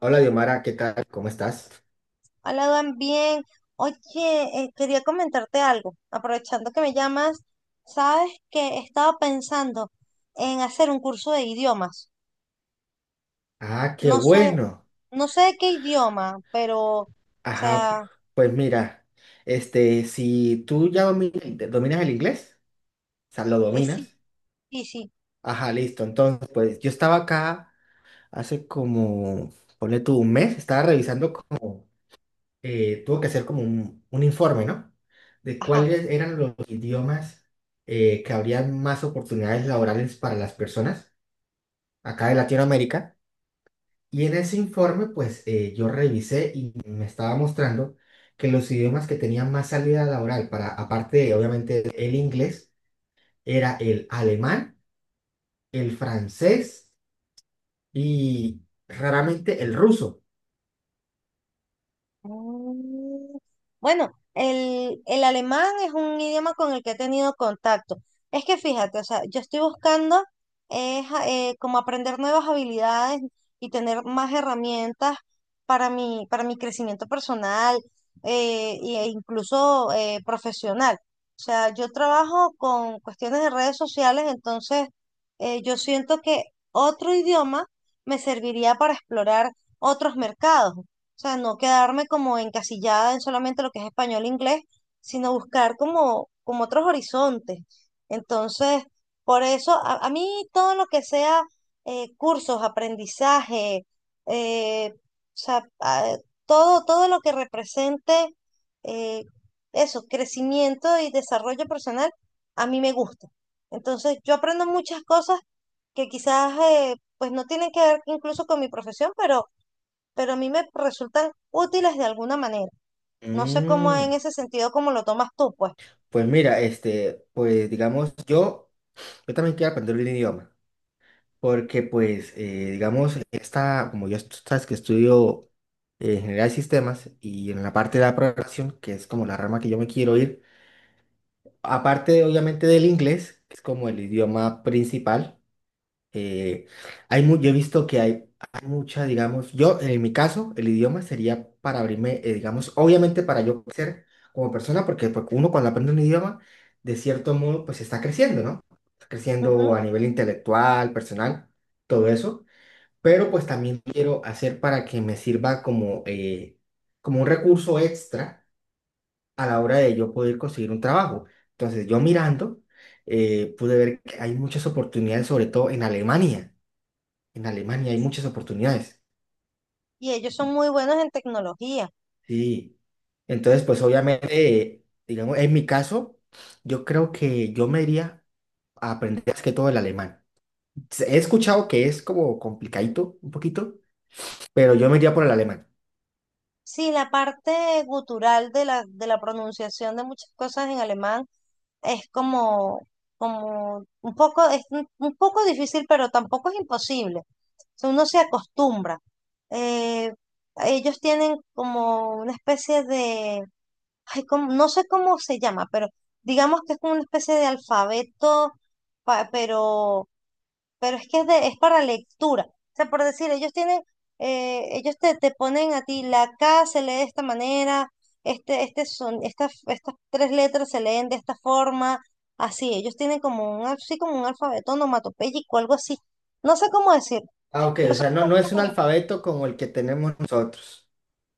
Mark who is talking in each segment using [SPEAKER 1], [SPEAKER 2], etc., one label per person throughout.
[SPEAKER 1] Hola, Diomara, ¿qué tal? ¿Cómo estás?
[SPEAKER 2] Hola, Dan, bien. Oye, quería comentarte algo. Aprovechando que me llamas, sabes que estaba pensando en hacer un curso de idiomas.
[SPEAKER 1] Ah, qué
[SPEAKER 2] No sé,
[SPEAKER 1] bueno.
[SPEAKER 2] no sé de qué idioma, pero, o
[SPEAKER 1] Ajá,
[SPEAKER 2] sea,
[SPEAKER 1] pues mira, este, si tú ya dominas el inglés, o sea, lo
[SPEAKER 2] sí,
[SPEAKER 1] dominas.
[SPEAKER 2] sí.
[SPEAKER 1] Ajá, listo. Entonces, pues yo estaba acá hace como, ponle tú un mes, estaba revisando como, tuvo que hacer como un informe, ¿no? De
[SPEAKER 2] Ajá.
[SPEAKER 1] cuáles eran los idiomas que habrían más oportunidades laborales para las personas acá de Latinoamérica. Y en ese informe, pues yo revisé y me estaba mostrando que los idiomas que tenían más salida laboral para, aparte, obviamente, el inglés, era el alemán, el francés y raramente el ruso.
[SPEAKER 2] Mm, bueno, el alemán es un idioma con el que he tenido contacto. Es que fíjate, o sea, yo estoy buscando es, como aprender nuevas habilidades y tener más herramientas para para mi crecimiento personal, e incluso, profesional. O sea, yo trabajo con cuestiones de redes sociales, entonces, yo siento que otro idioma me serviría para explorar otros mercados, sea, no quedarme como encasillada en solamente lo que es español e inglés, sino buscar como, como otros horizontes. Entonces, por eso, a mí todo lo que sea, cursos, aprendizaje, eh, o sea, a- todo, todo lo que represente, eh, eso, crecimiento y desarrollo personal, a mí me gusta. Entonces, yo aprendo muchas cosas que quizás, pues no tienen que ver incluso con mi profesión, pero a mí me resultan útiles de alguna manera. No sé cómo
[SPEAKER 1] Mm,
[SPEAKER 2] en ese sentido, cómo lo tomas tú, pues.
[SPEAKER 1] pues mira, este, pues digamos, yo también quiero aprender un idioma, porque pues, digamos, esta, como yo tú sabes que estudio ingeniería de sistemas y en la parte de la programación, que es como la rama que yo me quiero ir. Aparte, obviamente, del inglés, que es como el idioma principal, eh, yo he visto que hay mucha, digamos, yo en mi caso, el idioma sería para abrirme, digamos, obviamente para yo crecer como persona, porque uno cuando aprende un idioma, de cierto modo, pues está creciendo, ¿no? Está creciendo a
[SPEAKER 2] Ujú.
[SPEAKER 1] nivel intelectual, personal, todo eso, pero pues también quiero hacer para que me sirva como, como un recurso extra a la hora de yo poder conseguir un trabajo. Entonces, yo mirando, pude ver que hay muchas oportunidades, sobre todo en Alemania. En Alemania hay muchas oportunidades.
[SPEAKER 2] Y ellos son muy buenos en tecnología.
[SPEAKER 1] Sí. Entonces, pues obviamente, digamos, en mi caso, yo creo que yo me iría a aprender más que todo el alemán. He escuchado que es como complicadito un poquito, pero yo me iría por el alemán.
[SPEAKER 2] Sí, la parte gutural de de la pronunciación de muchas cosas en alemán es como, como un poco, es un poco difícil, pero tampoco es imposible. O sea, uno se acostumbra. Eh, Ellos tienen como una especie de, ay, no sé cómo se llama, pero digamos que es como una especie de alfabeto, pa- pero, pero es que es, es para lectura. O sea, por decir, ellos tienen, ellos te, te ponen a ti, la K se lee de esta manera, este, estas tres letras se leen de esta forma, así, ellos tienen como un, así como un alfabeto onomatopéyico, algo así. No sé cómo decir.
[SPEAKER 1] Ah, ok, o sea, no,
[SPEAKER 2] Resulta,
[SPEAKER 1] no es un alfabeto como el que tenemos nosotros.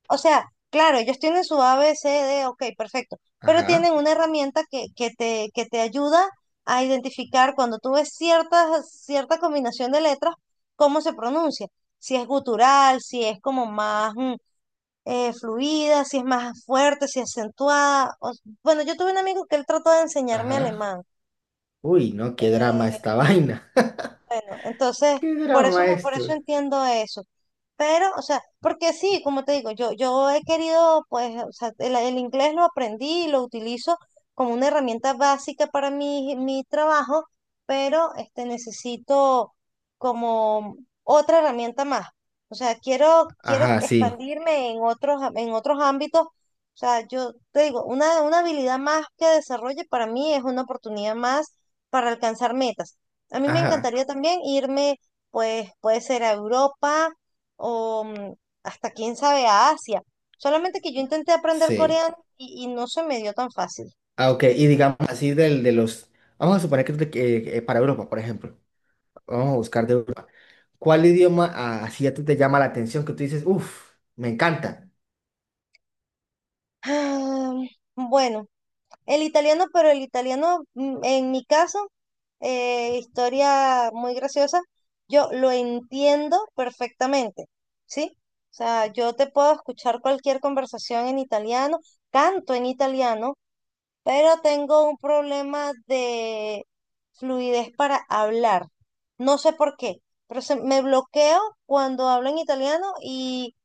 [SPEAKER 2] o sea, claro, ellos tienen su A, B, C, D, ok, perfecto, pero
[SPEAKER 1] Ajá,
[SPEAKER 2] tienen una herramienta que, que te ayuda a identificar cuando tú ves cierta combinación de letras, cómo se pronuncia, si es gutural, si es como más, fluida, si es más fuerte, si es acentuada. Bueno, yo tuve un amigo que él trató de enseñarme
[SPEAKER 1] ajá.
[SPEAKER 2] alemán.
[SPEAKER 1] Uy, no, qué drama esta vaina.
[SPEAKER 2] Bueno, entonces,
[SPEAKER 1] ¿Qué
[SPEAKER 2] por eso,
[SPEAKER 1] drama
[SPEAKER 2] por eso
[SPEAKER 1] esto?
[SPEAKER 2] entiendo eso. Pero, o sea, porque sí, como te digo, yo he querido, pues, o sea, el inglés lo aprendí y lo utilizo como una herramienta básica para mi trabajo, pero este, necesito como otra herramienta más. O sea, quiero
[SPEAKER 1] Ajá, sí.
[SPEAKER 2] expandirme en otros, en otros ámbitos. O sea, yo te digo, una habilidad más que desarrolle para mí es una oportunidad más para alcanzar metas. A mí me
[SPEAKER 1] Ajá,
[SPEAKER 2] encantaría también irme, pues puede ser a Europa o, mm, hasta quién sabe a Asia. Solamente que yo intenté aprender
[SPEAKER 1] sí.
[SPEAKER 2] coreano y no se me dio tan fácil.
[SPEAKER 1] Ah, ok. Y digamos así del, de los... Vamos a suponer que que, para Europa, por ejemplo. Vamos a buscar de Europa. ¿Cuál idioma ah, así a ti te llama la atención que tú dices, uff, me encanta?
[SPEAKER 2] Ah, bueno, el italiano, pero el italiano, mm, en mi caso, historia muy graciosa, yo lo entiendo perfectamente, ¿sí? O sea, yo te puedo escuchar cualquier conversación en italiano, canto en italiano, pero tengo un problema de fluidez para hablar. No sé por qué, pero me bloqueo cuando hablo en italiano y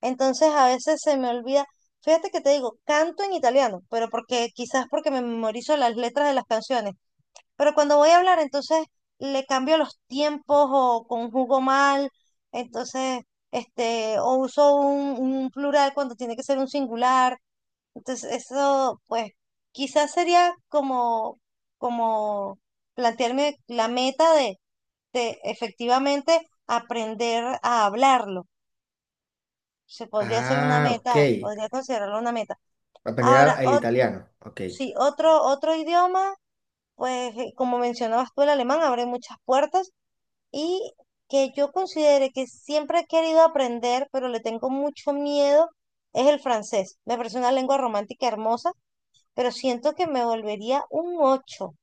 [SPEAKER 2] entonces a veces se me olvida. Fíjate que te digo, canto en italiano, pero porque quizás porque me memorizo las letras de las canciones. Pero cuando voy a hablar, entonces le cambio los tiempos o conjugo mal, entonces, este, o uso un plural cuando tiene que ser un singular. Entonces, eso, pues, quizás sería como, como plantearme la meta de efectivamente aprender a hablarlo. Se podría ser una
[SPEAKER 1] Ah, ok.
[SPEAKER 2] meta, podría considerarlo una meta. Ahora,
[SPEAKER 1] El italiano. Ok.
[SPEAKER 2] otro idioma, pues, como mencionabas tú, el alemán abre muchas puertas y que yo considere que siempre he querido aprender, pero le tengo mucho miedo, es el francés. Me parece una lengua romántica hermosa, pero siento que me volvería un ocho.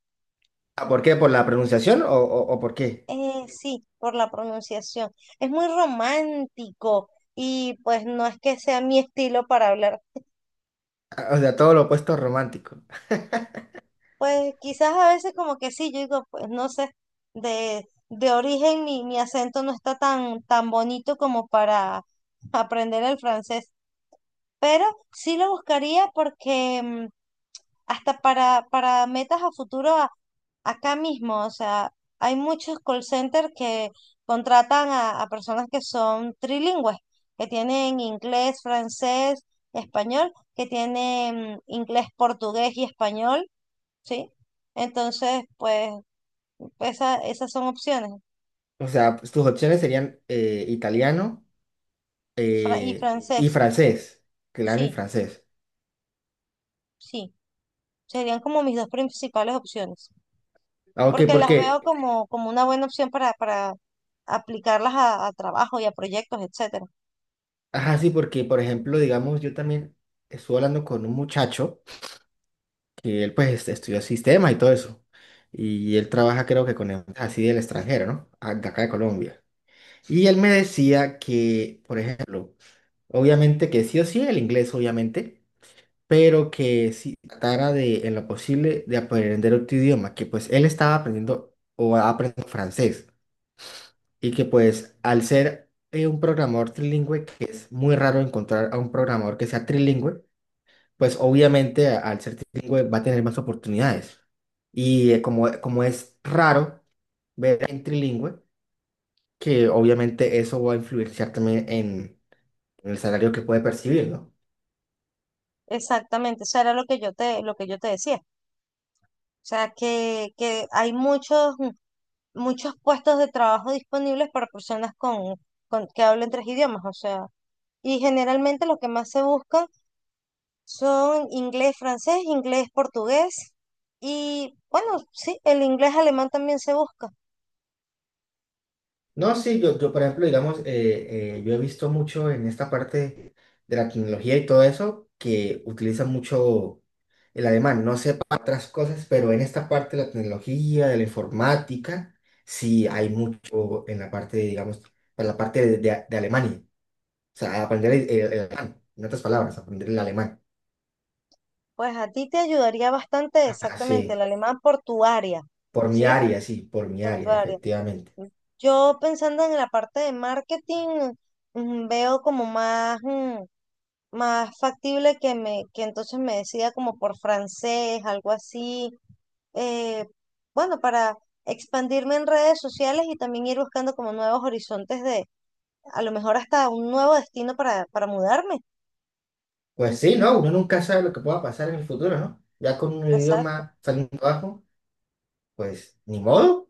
[SPEAKER 1] Ah, ¿por qué? ¿Por la pronunciación o por qué?
[SPEAKER 2] Sí, por la pronunciación. Es muy romántico y pues no es que sea mi estilo para hablar.
[SPEAKER 1] Ah, o sea, todo lo opuesto romántico.
[SPEAKER 2] Pues quizás a veces como que sí, yo digo, pues no sé, de origen mi acento no está tan, tan bonito como para aprender el francés, pero sí lo buscaría porque, mm, hasta para metas a futuro acá mismo, o sea, hay muchos call centers que contratan a personas que son trilingües, que tienen inglés, francés, español, que tienen inglés, portugués y español, ¿sí? Entonces, pues esa, esas son opciones.
[SPEAKER 1] O sea, pues, tus opciones serían italiano
[SPEAKER 2] Y sí.
[SPEAKER 1] y
[SPEAKER 2] Francés,
[SPEAKER 1] francés. Claro, y
[SPEAKER 2] sí,
[SPEAKER 1] francés.
[SPEAKER 2] sí. Serían como mis dos principales opciones,
[SPEAKER 1] Ah, ok,
[SPEAKER 2] porque
[SPEAKER 1] ¿por
[SPEAKER 2] las
[SPEAKER 1] qué?
[SPEAKER 2] veo como, como una buena opción para aplicarlas a trabajo y a proyectos, etcétera.
[SPEAKER 1] Ajá, sí, porque, por ejemplo, digamos, yo también estuve hablando con un muchacho que él, pues, estudió sistemas y todo eso. Y él trabaja, creo que con empresas así del extranjero, ¿no? De acá de Colombia. Y él me decía que, por ejemplo, obviamente que sí o sí el inglés, obviamente, pero que si tratara de, en lo posible, de aprender otro idioma, que pues él estaba aprendiendo o aprendiendo francés. Y que pues al ser un programador trilingüe, que es muy raro encontrar a un programador que sea trilingüe, pues obviamente al ser trilingüe va a tener más oportunidades. Y como es raro ver en trilingüe, que obviamente eso va a influenciar también en el salario que puede percibir, ¿no?
[SPEAKER 2] Exactamente, eso era lo que yo te, lo que yo te decía. O sea, que hay muchos, muchos puestos de trabajo disponibles para personas con, que hablen tres idiomas. O sea, y generalmente lo que más se buscan son inglés, francés, inglés, portugués. Y bueno, sí, el inglés alemán también se busca.
[SPEAKER 1] No, sí, yo por ejemplo, digamos, yo he visto mucho en esta parte de la tecnología y todo eso, que utilizan mucho el alemán. No sé para otras cosas, pero en esta parte de la tecnología, de la informática, sí hay mucho en la parte, digamos, para la parte de, de Alemania. O sea, aprender el alemán, en otras palabras, aprender el alemán.
[SPEAKER 2] Pues a ti te ayudaría bastante exactamente el
[SPEAKER 1] Así,
[SPEAKER 2] alemán portuaria,
[SPEAKER 1] por mi
[SPEAKER 2] ¿sí?
[SPEAKER 1] área, sí, por mi área,
[SPEAKER 2] Portuaria.
[SPEAKER 1] efectivamente.
[SPEAKER 2] Yo pensando en la parte de marketing, mm, veo como más, mm, más factible que me, que entonces me decida como por francés, algo así. eh, bueno, para expandirme en redes sociales y también ir buscando como nuevos horizontes de, a lo mejor hasta un nuevo destino para mudarme.
[SPEAKER 1] Pues sí, ¿no? Uno nunca sabe lo que pueda pasar en el futuro, ¿no? Ya con un
[SPEAKER 2] Exacto.
[SPEAKER 1] idioma saliendo abajo, pues ni modo,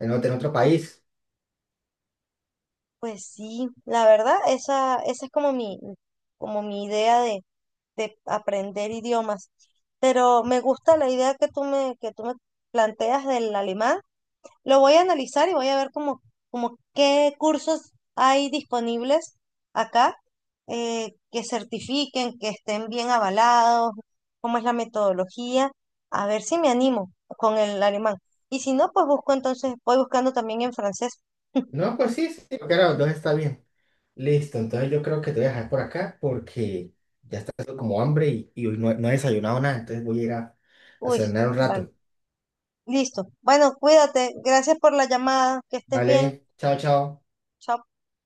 [SPEAKER 1] en otro país.
[SPEAKER 2] Pues sí, la verdad, esa es como como mi idea de aprender idiomas. Pero me gusta la idea que tú me planteas del alemán. Lo voy a analizar y voy a ver como, como qué cursos hay disponibles acá, que certifiquen, que estén bien avalados, cómo es la metodología. A ver si me animo con el alemán. Y si no, pues busco entonces, voy buscando también en francés.
[SPEAKER 1] No, pues sí, sí, creo que ahora los dos está bien. Listo, entonces yo creo que te voy a dejar por acá porque ya está haciendo como hambre y hoy no, no he desayunado nada, entonces voy a ir a
[SPEAKER 2] Uy,
[SPEAKER 1] cenar un
[SPEAKER 2] vale.
[SPEAKER 1] rato.
[SPEAKER 2] Listo. Bueno, cuídate. Gracias por la llamada. Que estés bien.
[SPEAKER 1] Vale, chao, chao.
[SPEAKER 2] Chao.